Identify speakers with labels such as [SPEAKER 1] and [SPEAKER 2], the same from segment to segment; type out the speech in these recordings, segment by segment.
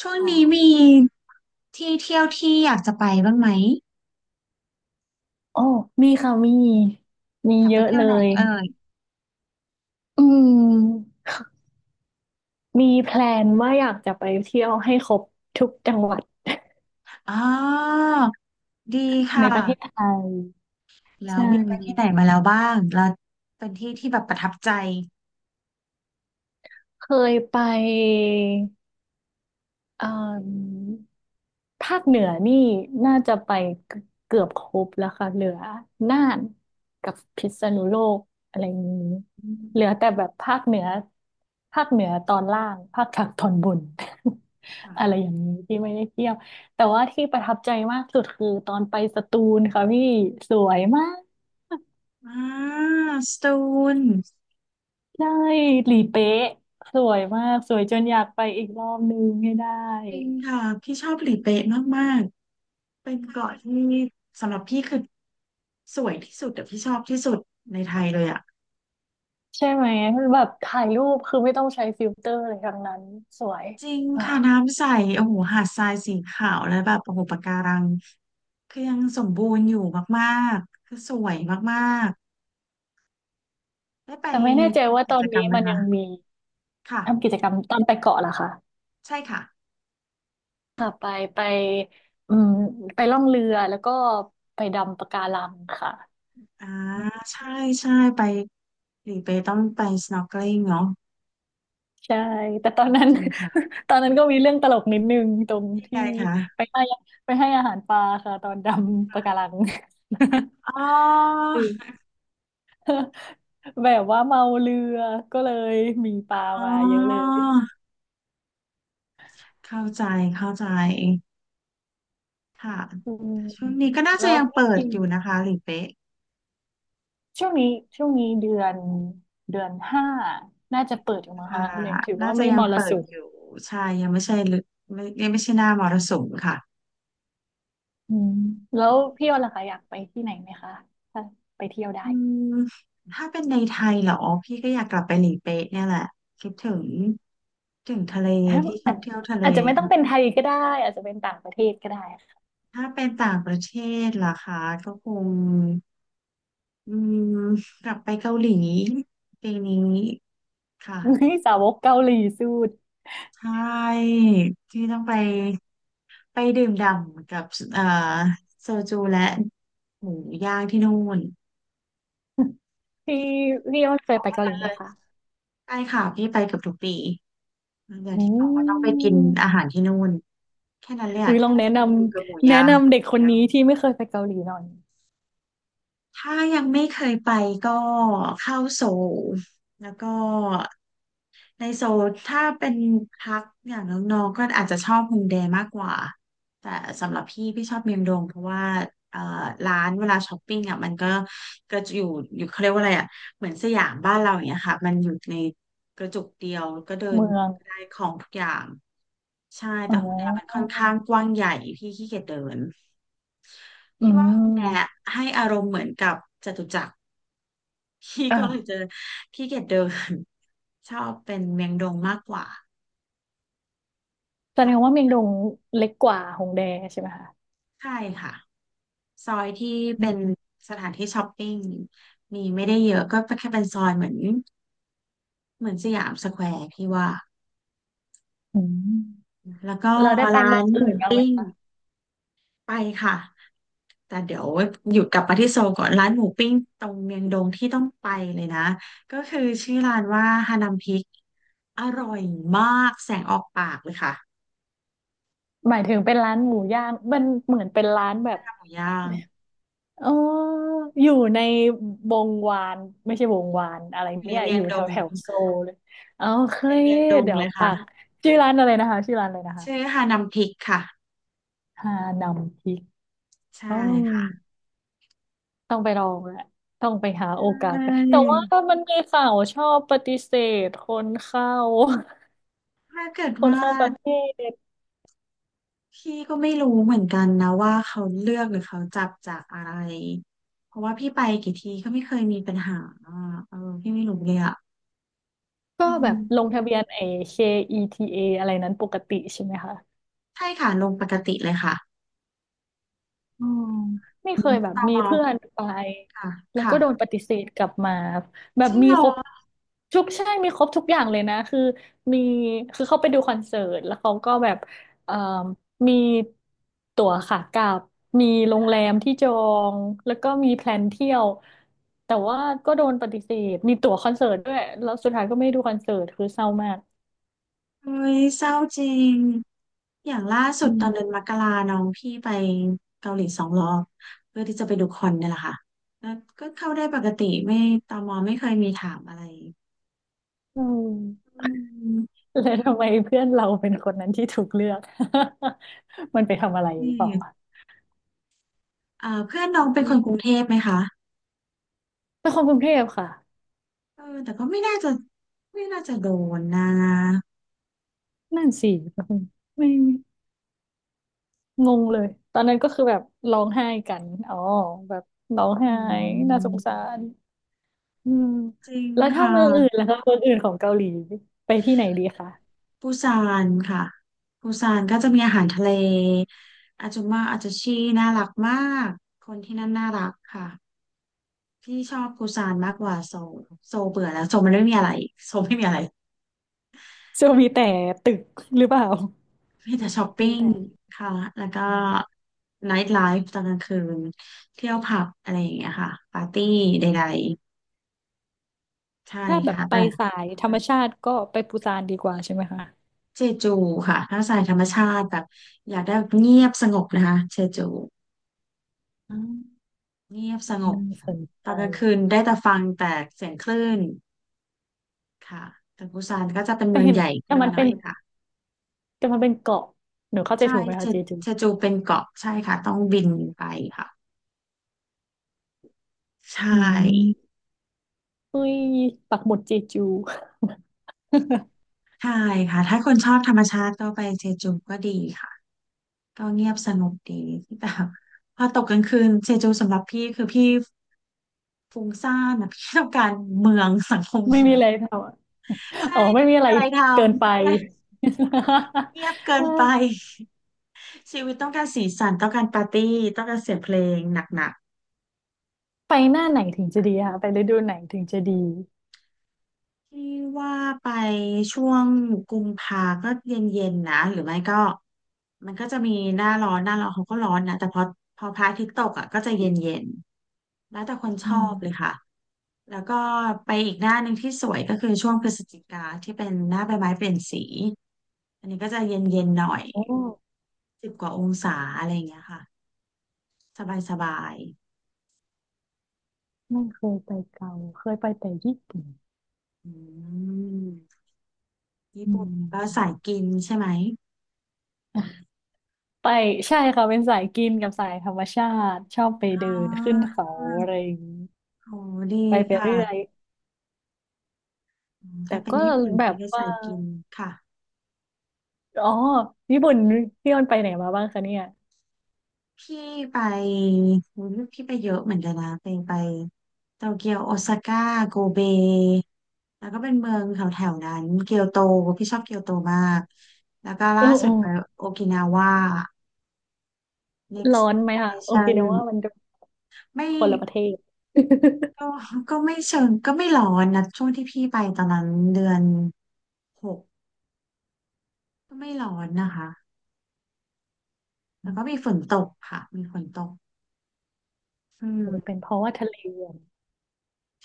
[SPEAKER 1] ช่วง
[SPEAKER 2] อ๋อ
[SPEAKER 1] นี้มีที่เที่ยวที่อยากจะไปบ้างไหม
[SPEAKER 2] โอ้มีค่ะมี มี
[SPEAKER 1] อยาก
[SPEAKER 2] เย
[SPEAKER 1] ไป
[SPEAKER 2] อะ
[SPEAKER 1] เที่ย
[SPEAKER 2] เล
[SPEAKER 1] วไหน
[SPEAKER 2] ย
[SPEAKER 1] เอ่ย
[SPEAKER 2] อืม มีแพลนว่าอยากจะไปเที่ยวให้ครบทุกจังหวัด
[SPEAKER 1] อ๋อดี
[SPEAKER 2] ใน
[SPEAKER 1] ค่ะ
[SPEAKER 2] ประเทศไทย
[SPEAKER 1] แล้ว
[SPEAKER 2] ใช่
[SPEAKER 1] มีไปที่ไหนมาแล้วบ้างแล้วเป็นที่ที่แบบประทับใจ
[SPEAKER 2] เคยไป เอ่อภาคเหนือนี่น่าจะไปเกือบครบแล้วค่ะเหลือน่านกับพิษณุโลกอะไรนี้
[SPEAKER 1] อืม
[SPEAKER 2] เหลือแต่แบบภาคเหนือตอนล่างภาค กลางตอนบน
[SPEAKER 1] ค่ะ
[SPEAKER 2] อะไรอย่างนี้ที่ไม่ได้เที่ยวแต่ว่าที่ประทับใจมากสุดคือตอนไปสตูลค่ะพี่สวยมาก
[SPEAKER 1] อ่าสตูล
[SPEAKER 2] ใช่หลีเป๊ะสวยมากสวยจนอยากไปอีกรอบนึงให้ได้
[SPEAKER 1] จริงค่ะพี่ชอบหลีเป๊ะมากๆเป็นเกาะที่สำหรับพี่คือสวยที่สุดแต่พี่ชอบที่สุดในไทยเลยอ่ะ
[SPEAKER 2] ใช่ไหมแบบถ่ายรูปคือไม่ต้องใช้ฟิลเตอร์อะไรทั้งนั้นสวย
[SPEAKER 1] จริง
[SPEAKER 2] อ่า
[SPEAKER 1] ค่ะน้ำใสโอ้โหหาดทรายสีขาวแล้วแบบโอ้โหปะการังคือยังสมบูรณ์อยู่มากๆคือสวยมากๆได้ไป
[SPEAKER 2] แต่ไม่แน่ใจว่า
[SPEAKER 1] ทำกิ
[SPEAKER 2] ตอ
[SPEAKER 1] จ
[SPEAKER 2] น
[SPEAKER 1] กรร
[SPEAKER 2] นี้
[SPEAKER 1] มไหม
[SPEAKER 2] มันยั
[SPEAKER 1] คะ
[SPEAKER 2] งมี
[SPEAKER 1] ค่ะ
[SPEAKER 2] ทำกิจกรรมตอนไปเกาะล่ะคะ
[SPEAKER 1] ใช่ค่ะ
[SPEAKER 2] ค่ะไปอืมไปล่องเรือแล้วก็ไปดำปะการังค่ะ
[SPEAKER 1] อ่าใช่ใช่ไปหรือไปต้องไป snorkeling เนาะ
[SPEAKER 2] ใช่แต่ตอนนั้น
[SPEAKER 1] จริงค่ะ
[SPEAKER 2] ตอนนั้นก็มีเรื่องตลกนิดนึงตรง
[SPEAKER 1] ยัง
[SPEAKER 2] ที่
[SPEAKER 1] ไงคะ
[SPEAKER 2] ไปให้ไปให้อาหารปลาค่ะตอนดำปะการัง
[SPEAKER 1] อ๋อ
[SPEAKER 2] แบบว่าเมาเรือก็เลยมีป
[SPEAKER 1] อ๋
[SPEAKER 2] ลา
[SPEAKER 1] อ
[SPEAKER 2] มาเยอะเลย
[SPEAKER 1] เข้าใจเข้าใจค่ะ
[SPEAKER 2] อืม
[SPEAKER 1] ช่วงนี้ก็น่า
[SPEAKER 2] แล้
[SPEAKER 1] จะ
[SPEAKER 2] ว
[SPEAKER 1] ยัง
[SPEAKER 2] พ
[SPEAKER 1] เปิด
[SPEAKER 2] ี่
[SPEAKER 1] อยู่นะคะหรือเป๊ะ
[SPEAKER 2] ช่วงนี้ช่วงนี้เดือนห้าน่าจะเปิดอยู่มั้ง
[SPEAKER 1] ค่ะ
[SPEAKER 2] คะเรียงถือ
[SPEAKER 1] น่า
[SPEAKER 2] ว่า
[SPEAKER 1] จะ
[SPEAKER 2] ไม่
[SPEAKER 1] ยั
[SPEAKER 2] ม
[SPEAKER 1] ง
[SPEAKER 2] ร
[SPEAKER 1] เปิ
[SPEAKER 2] สุ
[SPEAKER 1] ด
[SPEAKER 2] ม
[SPEAKER 1] อยู่ ใช่ ยังไม่ใช่ฤไม่ยังไม่ใช่หน้ามรสุมค่ะ
[SPEAKER 2] อืมแล้วพี่ออนล่ะคะอยากไปที่ไหนไหมคะถ้าไปเที่ยวได้
[SPEAKER 1] อืมถ้าเป็นในไทยเหรอ พี่ก็อยากกลับไปหลีเป๊ะเนี่ยแหละ คิดถึงถึงทะเล
[SPEAKER 2] อา
[SPEAKER 1] พี่ชอ
[SPEAKER 2] อา
[SPEAKER 1] บ
[SPEAKER 2] จ
[SPEAKER 1] เที่ยวทะเล
[SPEAKER 2] อาจจะไม่ต้องเป็นไทยก็ได้อาจจะเป็นต่างประเทศก็ได้ค่ะ
[SPEAKER 1] ถ้าเป็นต่างประเทศล่ะคะก็คงอืมกลับไปเกาหลีปีนี้
[SPEAKER 2] นี่
[SPEAKER 1] ค่ะ
[SPEAKER 2] สาวกเกาหลีสุด
[SPEAKER 1] ใช่ที่ต้องไปไปดื่มด่ำกับเอ่อโซจูและหมูย่างที่นู่น
[SPEAKER 2] พี่พี่ออนเค
[SPEAKER 1] บ
[SPEAKER 2] ย
[SPEAKER 1] อก
[SPEAKER 2] ไป
[SPEAKER 1] แค่
[SPEAKER 2] เกาหลี
[SPEAKER 1] นั้น
[SPEAKER 2] ไห
[SPEAKER 1] เล
[SPEAKER 2] ม
[SPEAKER 1] ย
[SPEAKER 2] คะ
[SPEAKER 1] ใช่ค่ะพี่ไปเกือบทุกปี
[SPEAKER 2] อื
[SPEAKER 1] ขอต้องไปกินอา
[SPEAKER 2] ม
[SPEAKER 1] หารที่นู่นแค่นั้นเลย
[SPEAKER 2] อุ้
[SPEAKER 1] อะ
[SPEAKER 2] ยลอ
[SPEAKER 1] แค่
[SPEAKER 2] งแนะน
[SPEAKER 1] ซู้ดกับหมู
[SPEAKER 2] ำแนะ
[SPEAKER 1] ย่าง
[SPEAKER 2] นำเด็กคนนี้ที่ไม่เคยไปเกาหลีหน่อย
[SPEAKER 1] ถ้ายังไม่เคยไปก็เข้าโซลแล้วก็ ในโซนถ้าเป็นพักอย่างน้องๆก็อาจจะชอบโฮมเดย์มากกว่าแต่สำหรับพี่พี่ชอบเมียงดงเพราะว่าเอ่อร้านเวลาช้อปปิ้งอ่ะมันก็กระจุอยู่อยู่เขาเรียกว่าอะไรอ่ะเหมือนสยามบ้านเราอย่างเงี้ยค่ะมันอยู่ในกระจุกเดียวก็เดิน
[SPEAKER 2] เมือง
[SPEAKER 1] ได้ของทุกอย่างใช่
[SPEAKER 2] อ๋
[SPEAKER 1] แต่
[SPEAKER 2] อ
[SPEAKER 1] โฮมเดย์มันค่อนข้างกว้างใหญ่พี่ขี้เกียจเดิน
[SPEAKER 2] อื
[SPEAKER 1] พี่ว่าฮอนด้า
[SPEAKER 2] ม
[SPEAKER 1] ให้อารมณ์เหมือนกับจตุจักร พี่ก็เลยเจ
[SPEAKER 2] อ่า
[SPEAKER 1] อขี้เกียจเดินชอบเป็นเมียงดงมากกว่า
[SPEAKER 2] แสดงว่า
[SPEAKER 1] ค่ะ
[SPEAKER 2] เมียงดงเล็กกว่าหงแดใช่ไหมคะ
[SPEAKER 1] ใช่ค่ะซอยที่เป็นสถานที่ช้อปปิ้งมีไม่ได้เยอะก็แค่เป็นซอยเหมือนเหมือนสยามสแควร์พี่ว่า
[SPEAKER 2] อืม
[SPEAKER 1] แล้วก็
[SPEAKER 2] เราได้ไป
[SPEAKER 1] ร้า
[SPEAKER 2] เมือ
[SPEAKER 1] น
[SPEAKER 2] ง
[SPEAKER 1] ห
[SPEAKER 2] อื่
[SPEAKER 1] มู
[SPEAKER 2] นบ้างไหม
[SPEAKER 1] ปิ้ง
[SPEAKER 2] คะ
[SPEAKER 1] ไปค่ะแต่เดี๋ยวหยุดกลับมาที่โซลก่อนร้านหมูปิ้งตรงเมียงดงที่ต้องไปเลยนะก็คือชื่อร้านว่าฮานัมพิก อร่อยมากแสงออกปากเลยค่ะ
[SPEAKER 2] หมายถึงเป็นร้านหมูย่างมันเหมือนเป็นร้านแบบ
[SPEAKER 1] หมูย่าง
[SPEAKER 2] เอออยู่ในวงวานไม่ใช่วงวานอะไร
[SPEAKER 1] อยู่ใน
[SPEAKER 2] เนี่ย
[SPEAKER 1] เมีย
[SPEAKER 2] อ
[SPEAKER 1] ง
[SPEAKER 2] ยู่
[SPEAKER 1] ด
[SPEAKER 2] แถว
[SPEAKER 1] ง
[SPEAKER 2] แถวโซลเลยเอาเค
[SPEAKER 1] ใน
[SPEAKER 2] ย
[SPEAKER 1] เมียงดง
[SPEAKER 2] เดี๋ย
[SPEAKER 1] เล
[SPEAKER 2] ว
[SPEAKER 1] ย
[SPEAKER 2] ปั
[SPEAKER 1] ค่ะ
[SPEAKER 2] กชื่อร้านอะไรนะคะชื่อร้านอะไรนะคะ
[SPEAKER 1] ชื่อฮานัมพริกค่ะ
[SPEAKER 2] ฮานำพริก
[SPEAKER 1] ใช่
[SPEAKER 2] อ๋อ
[SPEAKER 1] ค่ะ
[SPEAKER 2] ต้องไปลองแหละ ต้องไปหาโอกา
[SPEAKER 1] ใช
[SPEAKER 2] สไปแต่ว่า
[SPEAKER 1] ่
[SPEAKER 2] มันมีข่าวชอบปฏิเสธคนเข้า
[SPEAKER 1] ถ้าเกิด
[SPEAKER 2] คน
[SPEAKER 1] ว่า
[SPEAKER 2] เข้าประเทศ
[SPEAKER 1] พี่ก็ไม่รู้เหมือนกันนะว่าเขาเลือกหรือเขาจับจากอะไรเพราะว่าพี่ไปกี่ทีก็ไม่เคยมีปัญหาอ่ะเออพี่ไม่รู้เลยอ่ะ
[SPEAKER 2] ก็
[SPEAKER 1] อื
[SPEAKER 2] แบ
[SPEAKER 1] ม
[SPEAKER 2] บลงทะเบียนไอ้ KETA อทีเออะไรนั้นปกติใช่ไหมคะ
[SPEAKER 1] ใช่ค่ะลงปกติเลยค่ะ
[SPEAKER 2] อืมไม่
[SPEAKER 1] อื
[SPEAKER 2] เค
[SPEAKER 1] ม
[SPEAKER 2] ยแบบ
[SPEAKER 1] ตาม
[SPEAKER 2] มี
[SPEAKER 1] อ
[SPEAKER 2] เพื่อนไป
[SPEAKER 1] ค่ะ
[SPEAKER 2] แล้วก็
[SPEAKER 1] ค่ะ
[SPEAKER 2] โดนปฏิเสธกลับมาแบ
[SPEAKER 1] จ
[SPEAKER 2] บ
[SPEAKER 1] ริง
[SPEAKER 2] มี
[SPEAKER 1] เหรอ
[SPEAKER 2] ครบทุกใช่มีครบทุกอย่างเลยนะคือมีคือเขาไปดูคอนเสิร์ตแล้วเขาก็แบบเอ่มมีตั๋วขากลับมีโรงแรมที่จองแล้วก็มีแพลนเที่ยวแต่ว่าก็โดนปฏิเสธมีตั๋วคอนเสิร์ตด้วยแล้วสุดท้ายก็ไม่ได้ดูคอนเสิร์ตคือเศร้ามาก
[SPEAKER 1] เฮ้ยเศร้าจริงอย่างล่าสุด
[SPEAKER 2] อื
[SPEAKER 1] ตอนเดือน
[SPEAKER 2] ม
[SPEAKER 1] มกราน้องพี่ไปเกาหลีสองรอบเพื่อที่จะไปดูคอนเนี่ยแหละค่ะแล้วก็เข้าได้ปกติไม่ตมไม่เคยมีถามอะไร
[SPEAKER 2] อืม
[SPEAKER 1] อืม
[SPEAKER 2] แล้วทำไมเพื่อนเราเป็นคนนั้นที่ถูกเลือก มันไปทำอะไรหรือ
[SPEAKER 1] นี่
[SPEAKER 2] เปล่าวะ
[SPEAKER 1] อ่าเพื่อนน้องเป็น
[SPEAKER 2] อื
[SPEAKER 1] คนก
[SPEAKER 2] ม
[SPEAKER 1] รุงเทพไหมคะ
[SPEAKER 2] เป็นคนกรุงเทพค่ะ
[SPEAKER 1] เออแต่ก็ไม่น่าจะไม่น่าจะโดนนะ
[SPEAKER 2] นั่นสิ ไม่งงเลย ตอนนั้นก็คือแบบร้องไห้กัน อ๋อ แบบร้อง
[SPEAKER 1] อื
[SPEAKER 2] ไห้ น่าสงสา
[SPEAKER 1] ม
[SPEAKER 2] รอืม
[SPEAKER 1] จริง
[SPEAKER 2] แล้วถ้า
[SPEAKER 1] ค่
[SPEAKER 2] เมืองอื่น
[SPEAKER 1] ะ
[SPEAKER 2] ล่ะคะเมืองอื่นของเกาหลี ไปที่ไหนดีคะ
[SPEAKER 1] ปูซานค่ะปูซานก็จะมีอาหารทะเลอาจุมาอาจจะชีน่ารักมากคนที่นั่นน่ารักค่ะ พี่ชอบปูซานมากกว่าโซลโซลเบื่อแล้วโซลมันไม่มีอะไรโซลไม่มีอะไร
[SPEAKER 2] ซึ่งมีแต่ตึกหรือเปล่า
[SPEAKER 1] มีแต่ช้อปปิ้
[SPEAKER 2] มี
[SPEAKER 1] ง
[SPEAKER 2] แต่
[SPEAKER 1] ค่ะแล้วก็
[SPEAKER 2] อ๋อ
[SPEAKER 1] ไนท์ไลฟ์ตอนกลางคืนเที่ยวผับอะไรอย่างเงี้ยค่ะปาร์ตี้ใดๆใช่
[SPEAKER 2] ถ้าแบบ
[SPEAKER 1] ค่ะ
[SPEAKER 2] ไป
[SPEAKER 1] แต่
[SPEAKER 2] สายธรรมชาติก็ไปปูซานดีกว่าใช่ไหมคะ
[SPEAKER 1] เจจูค่ะถ้าสายธรรมชาติแบบอยากได้แบบเงียบสงบนะคะเจจู
[SPEAKER 2] อ่า
[SPEAKER 1] เงียบสงบ
[SPEAKER 2] น่าสน
[SPEAKER 1] ต
[SPEAKER 2] ใจ
[SPEAKER 1] อนกลางคืนได้แต่ฟังแต่เสียงคลื่นค่ะแต่ปูซานก็จะเป็น
[SPEAKER 2] แต่
[SPEAKER 1] เมือง
[SPEAKER 2] เห็น
[SPEAKER 1] ใหญ่ขึ้
[SPEAKER 2] แต่
[SPEAKER 1] น
[SPEAKER 2] มั
[SPEAKER 1] มา
[SPEAKER 2] น
[SPEAKER 1] หน่
[SPEAKER 2] เป็
[SPEAKER 1] อ
[SPEAKER 2] น
[SPEAKER 1] ยค่ะ
[SPEAKER 2] แต่มันเป็นเกาะหนูเข้าใจ
[SPEAKER 1] ใช่
[SPEAKER 2] ถูกไหม
[SPEAKER 1] เช
[SPEAKER 2] คะเจจู
[SPEAKER 1] เชจูเป็นเกาะใช่ค่ะต้องบินไปค่ะ ใช่
[SPEAKER 2] อืมเฮ้ยปักหมุดเจจู
[SPEAKER 1] ใช่ค่ะถ้าคนชอบธรรมชาติก็ไปเจจูก็ดีค่ะก็เงียบสงบดีแต่พอตกกลางคืนเจจูสำหรับพี่คือพี่ฟุ้งซ่านนะพี่ต้องการเมืองสังคม
[SPEAKER 2] ไม่
[SPEAKER 1] เมื
[SPEAKER 2] มี
[SPEAKER 1] อง
[SPEAKER 2] อะไรทำอะ
[SPEAKER 1] ใช่
[SPEAKER 2] อ๋อ
[SPEAKER 1] ไม่
[SPEAKER 2] ไม่
[SPEAKER 1] มี
[SPEAKER 2] มีอะไร
[SPEAKER 1] อะไรท
[SPEAKER 2] เกินไป
[SPEAKER 1] ำเงียบเกินไป ชีวิตต้องการสีสันต้องการปาร์ตี้ต้องการเสียงเพลงหนักๆ
[SPEAKER 2] ไปหน้าไหนถึงจะดีคะไปฤดูไหนถึงจะดี
[SPEAKER 1] ที่ว่าไปช่วงกุมภาก็เย็นๆนะหรือไม่ก็มันก็จะมีหน้าร้อนหน้าร้อนเขาก็ร้อนนะแต่พอพระอาทิตย์ตกอ่ะก็จะเย็นๆแล้วแต่คนช
[SPEAKER 2] อ๋
[SPEAKER 1] อบเลย
[SPEAKER 2] อ
[SPEAKER 1] ค่ะแล้วก็ไปอีกหน้าหนึ่งที่สวยก็คือช่วงพฤศจิกาที่เป็นหน้าใบไม้เปลี่ยนสีอันนี้ก็จะเย็นๆหน่อย
[SPEAKER 2] โอ้
[SPEAKER 1] 10 กว่าองศาอะไรอย่างเงี้ยค่ะสบาย
[SPEAKER 2] ไม่เคยไปเกาเคยไปแต่ญี่ปุ่น
[SPEAKER 1] ๆอืมญี่
[SPEAKER 2] อื
[SPEAKER 1] ปุ่นก็สาย
[SPEAKER 2] ม
[SPEAKER 1] กินใช่ไหม
[SPEAKER 2] ไปใช่ค่ะเป็นสายกินกับสายธรรมชาติชอบไป
[SPEAKER 1] อ๋
[SPEAKER 2] เดินขึ้นเขา
[SPEAKER 1] อ
[SPEAKER 2] อะไรอย่างนี้
[SPEAKER 1] โอ้ดี
[SPEAKER 2] ไปไป
[SPEAKER 1] ค่ะ
[SPEAKER 2] เรื่อย
[SPEAKER 1] อืม
[SPEAKER 2] แต่
[SPEAKER 1] ถ้าเป็น
[SPEAKER 2] ก็
[SPEAKER 1] ญี่ปุ่น
[SPEAKER 2] แบ
[SPEAKER 1] พี่
[SPEAKER 2] บ
[SPEAKER 1] ก็
[SPEAKER 2] ว่า
[SPEAKER 1] ใส่กินค่ะ
[SPEAKER 2] อ๋อญี่ปุ่นพี่ออนไปไหนมาบ้างคะเนี่ย
[SPEAKER 1] พี่ไปโอ้ยพี่ไปเยอะเหมือนกันนะไปไปโตเกียวโอซาก้าโกเบแล้วก็เป็นเมืองแถวแถวนั้นเกียวโตพี่ชอบเกียวโตมาก แล้วก็
[SPEAKER 2] โอ้
[SPEAKER 1] ล่าสุ
[SPEAKER 2] โอ้
[SPEAKER 1] ดไปโอกินาว่า
[SPEAKER 2] ร้อ
[SPEAKER 1] next
[SPEAKER 2] นไหมคะโอเคนะว่า
[SPEAKER 1] destination
[SPEAKER 2] มันจะ
[SPEAKER 1] ไม่
[SPEAKER 2] คนละประเทศ
[SPEAKER 1] ก็ก็ไม่เชิงก็ไม่ร้อนนะช่วงที่พี่ไปตอนนั้นเดือนหกก็ไม่ร้อนนะคะแต่
[SPEAKER 2] อม
[SPEAKER 1] ก็มีฝนตกค่ะมีฝนตกอื
[SPEAKER 2] อาจจะ
[SPEAKER 1] ม
[SPEAKER 2] เป็นเพราะว่าทะเลอะ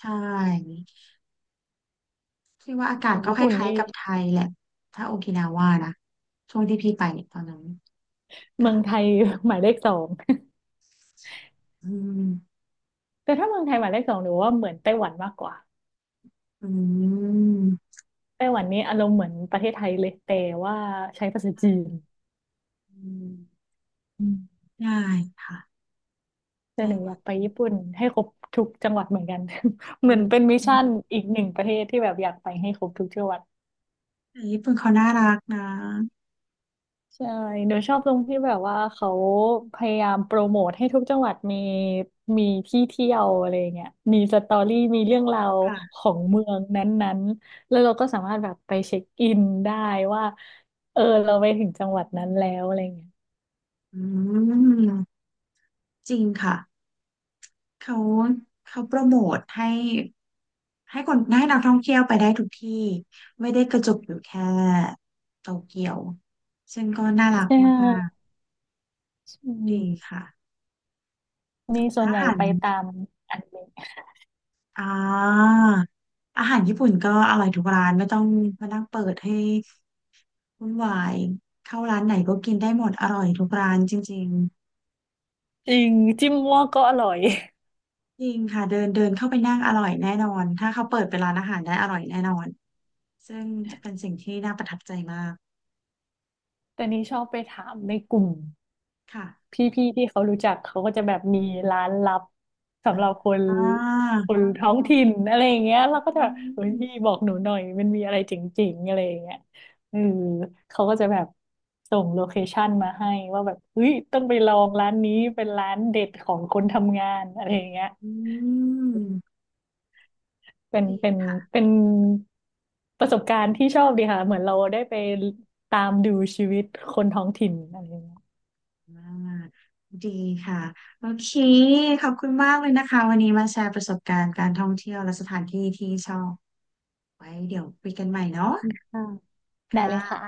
[SPEAKER 1] ใช่พี่ว่าอากาศ
[SPEAKER 2] แต่
[SPEAKER 1] ก็
[SPEAKER 2] ญี่
[SPEAKER 1] ค
[SPEAKER 2] ปุ่น
[SPEAKER 1] ล้าย
[SPEAKER 2] นี่
[SPEAKER 1] ๆกับไทยแหละถ้าโอกินาว่านะช่วงที่พี่ไปเนี่ยตอนนั้น
[SPEAKER 2] เมืองไท
[SPEAKER 1] ค่ะ
[SPEAKER 2] ย หมายเลขสอง
[SPEAKER 1] อืม
[SPEAKER 2] แต่ถ้าเมืองไทยหมายเลขสองหนูว่าเหมือนไต้หวันมากกว่า
[SPEAKER 1] อืม
[SPEAKER 2] ไต้หวันนี่อารมณ์เหมือนประเทศไทยเลยแต่ว่าใช้ภาษาจีน
[SPEAKER 1] อืม
[SPEAKER 2] อืม
[SPEAKER 1] ได้ค่ะ
[SPEAKER 2] แต่
[SPEAKER 1] ไต้
[SPEAKER 2] หนู
[SPEAKER 1] ห
[SPEAKER 2] อ
[SPEAKER 1] วั
[SPEAKER 2] ยา
[SPEAKER 1] น
[SPEAKER 2] กไปญี่ปุ่นให้ครบทุกจังหวัดเหมือนกัน เห
[SPEAKER 1] อื
[SPEAKER 2] มือน
[SPEAKER 1] ม
[SPEAKER 2] เป็นมิช
[SPEAKER 1] อืม
[SPEAKER 2] ชั่นอีกหนึ่งประเทศที่แบบอยากไปให้ครบทุกจังหวัด
[SPEAKER 1] แต่ญี่ปุ่นเขาน่ารักนะ
[SPEAKER 2] ใช่หนูชอบตรงที่แบบว่าเขาพยายามโปรโมทให้ทุกจังหวัดมีมีที่เที่ยวอะไรเงี้ยมีสตอรี่มีเรื่องราวข
[SPEAKER 1] ค่ะ
[SPEAKER 2] องเมืองนั้นๆ แล้วเราก็สามารถแบบไปเช็คอินได้ว่าเออเราไปถึงจังหวัดนั้นแล้วอะไรเงี้ย
[SPEAKER 1] อืมจริงค่ะเขาเขาโปรโมทให้คนให้นักท่องเที่ยวไปได้ทุกที่ไม่ได้กระจุกอยู่แค่โตเกียวซึ่งก็น่ารัก
[SPEAKER 2] ใช
[SPEAKER 1] มาก
[SPEAKER 2] ่ใช่
[SPEAKER 1] ๆดีค่ะ
[SPEAKER 2] นี่ส่
[SPEAKER 1] แล้ว
[SPEAKER 2] วนให
[SPEAKER 1] อา
[SPEAKER 2] ญ่
[SPEAKER 1] หาร
[SPEAKER 2] ไปตามอันนี้
[SPEAKER 1] อ่าอาหารญี่ปุ่นก็อร่อยทุกร้านไม่ต้องมานั่งเปิดให้วุ่นวายเข้าร้านไหนก็กินได้หมดอร่อยทุกร้านจริง
[SPEAKER 2] จริงจิ้มมั่วก็อร่อย
[SPEAKER 1] ๆจริงค่ะเดินเดินเข้าไปนั่งอร่อยแน่นอนถ้าเขาเปิดเป็นร้านอาหารได้อร่อยแน่นอนซึ่งเป็นสิ่งที่น่าประทับใจมาก
[SPEAKER 2] แต่นี่ชอบไปถามในกลุ่ม
[SPEAKER 1] ค่ะ
[SPEAKER 2] พี่ๆที่เขารู้จักเขาก็จะแบบมีร้านลับสำหรับคน
[SPEAKER 1] อ่า
[SPEAKER 2] คนท้องถิ่นอะไรอย่างเงี้ย
[SPEAKER 1] อื
[SPEAKER 2] เราก็จะแบบเฮ้ยพี่
[SPEAKER 1] ม
[SPEAKER 2] บอกหนูหน่อยมันมีอะไรเจ๋งๆอะไรอย่างเงี้ยเออเขาก็จะแบบส่งโลเคชั่นมาให้ว่าแบบเฮ้ยต้องไปลองร้านนี้เป็นร้านเด็ดของคนทำงานอะไรอย่างเงี้ย
[SPEAKER 1] อืม
[SPEAKER 2] เป็น
[SPEAKER 1] ดี
[SPEAKER 2] เป็นเป็นประสบการณ์ที่ชอบดีค่ะเหมือนเราได้ไปตามดูชีวิตคนท้องถิ่นอะไรอย่างเงี้ย
[SPEAKER 1] มากดีค่ะโอเคขอบคุณมากเลยนะคะวันนี้มาแชร์ประสบการณ์การท่องเที่ยวและสถานที่ที่ชอบ ไว้เดี๋ยวคุยกันใหม่เนาะ
[SPEAKER 2] ค่ะได้เลย
[SPEAKER 1] ค่ะ
[SPEAKER 2] ค่ะ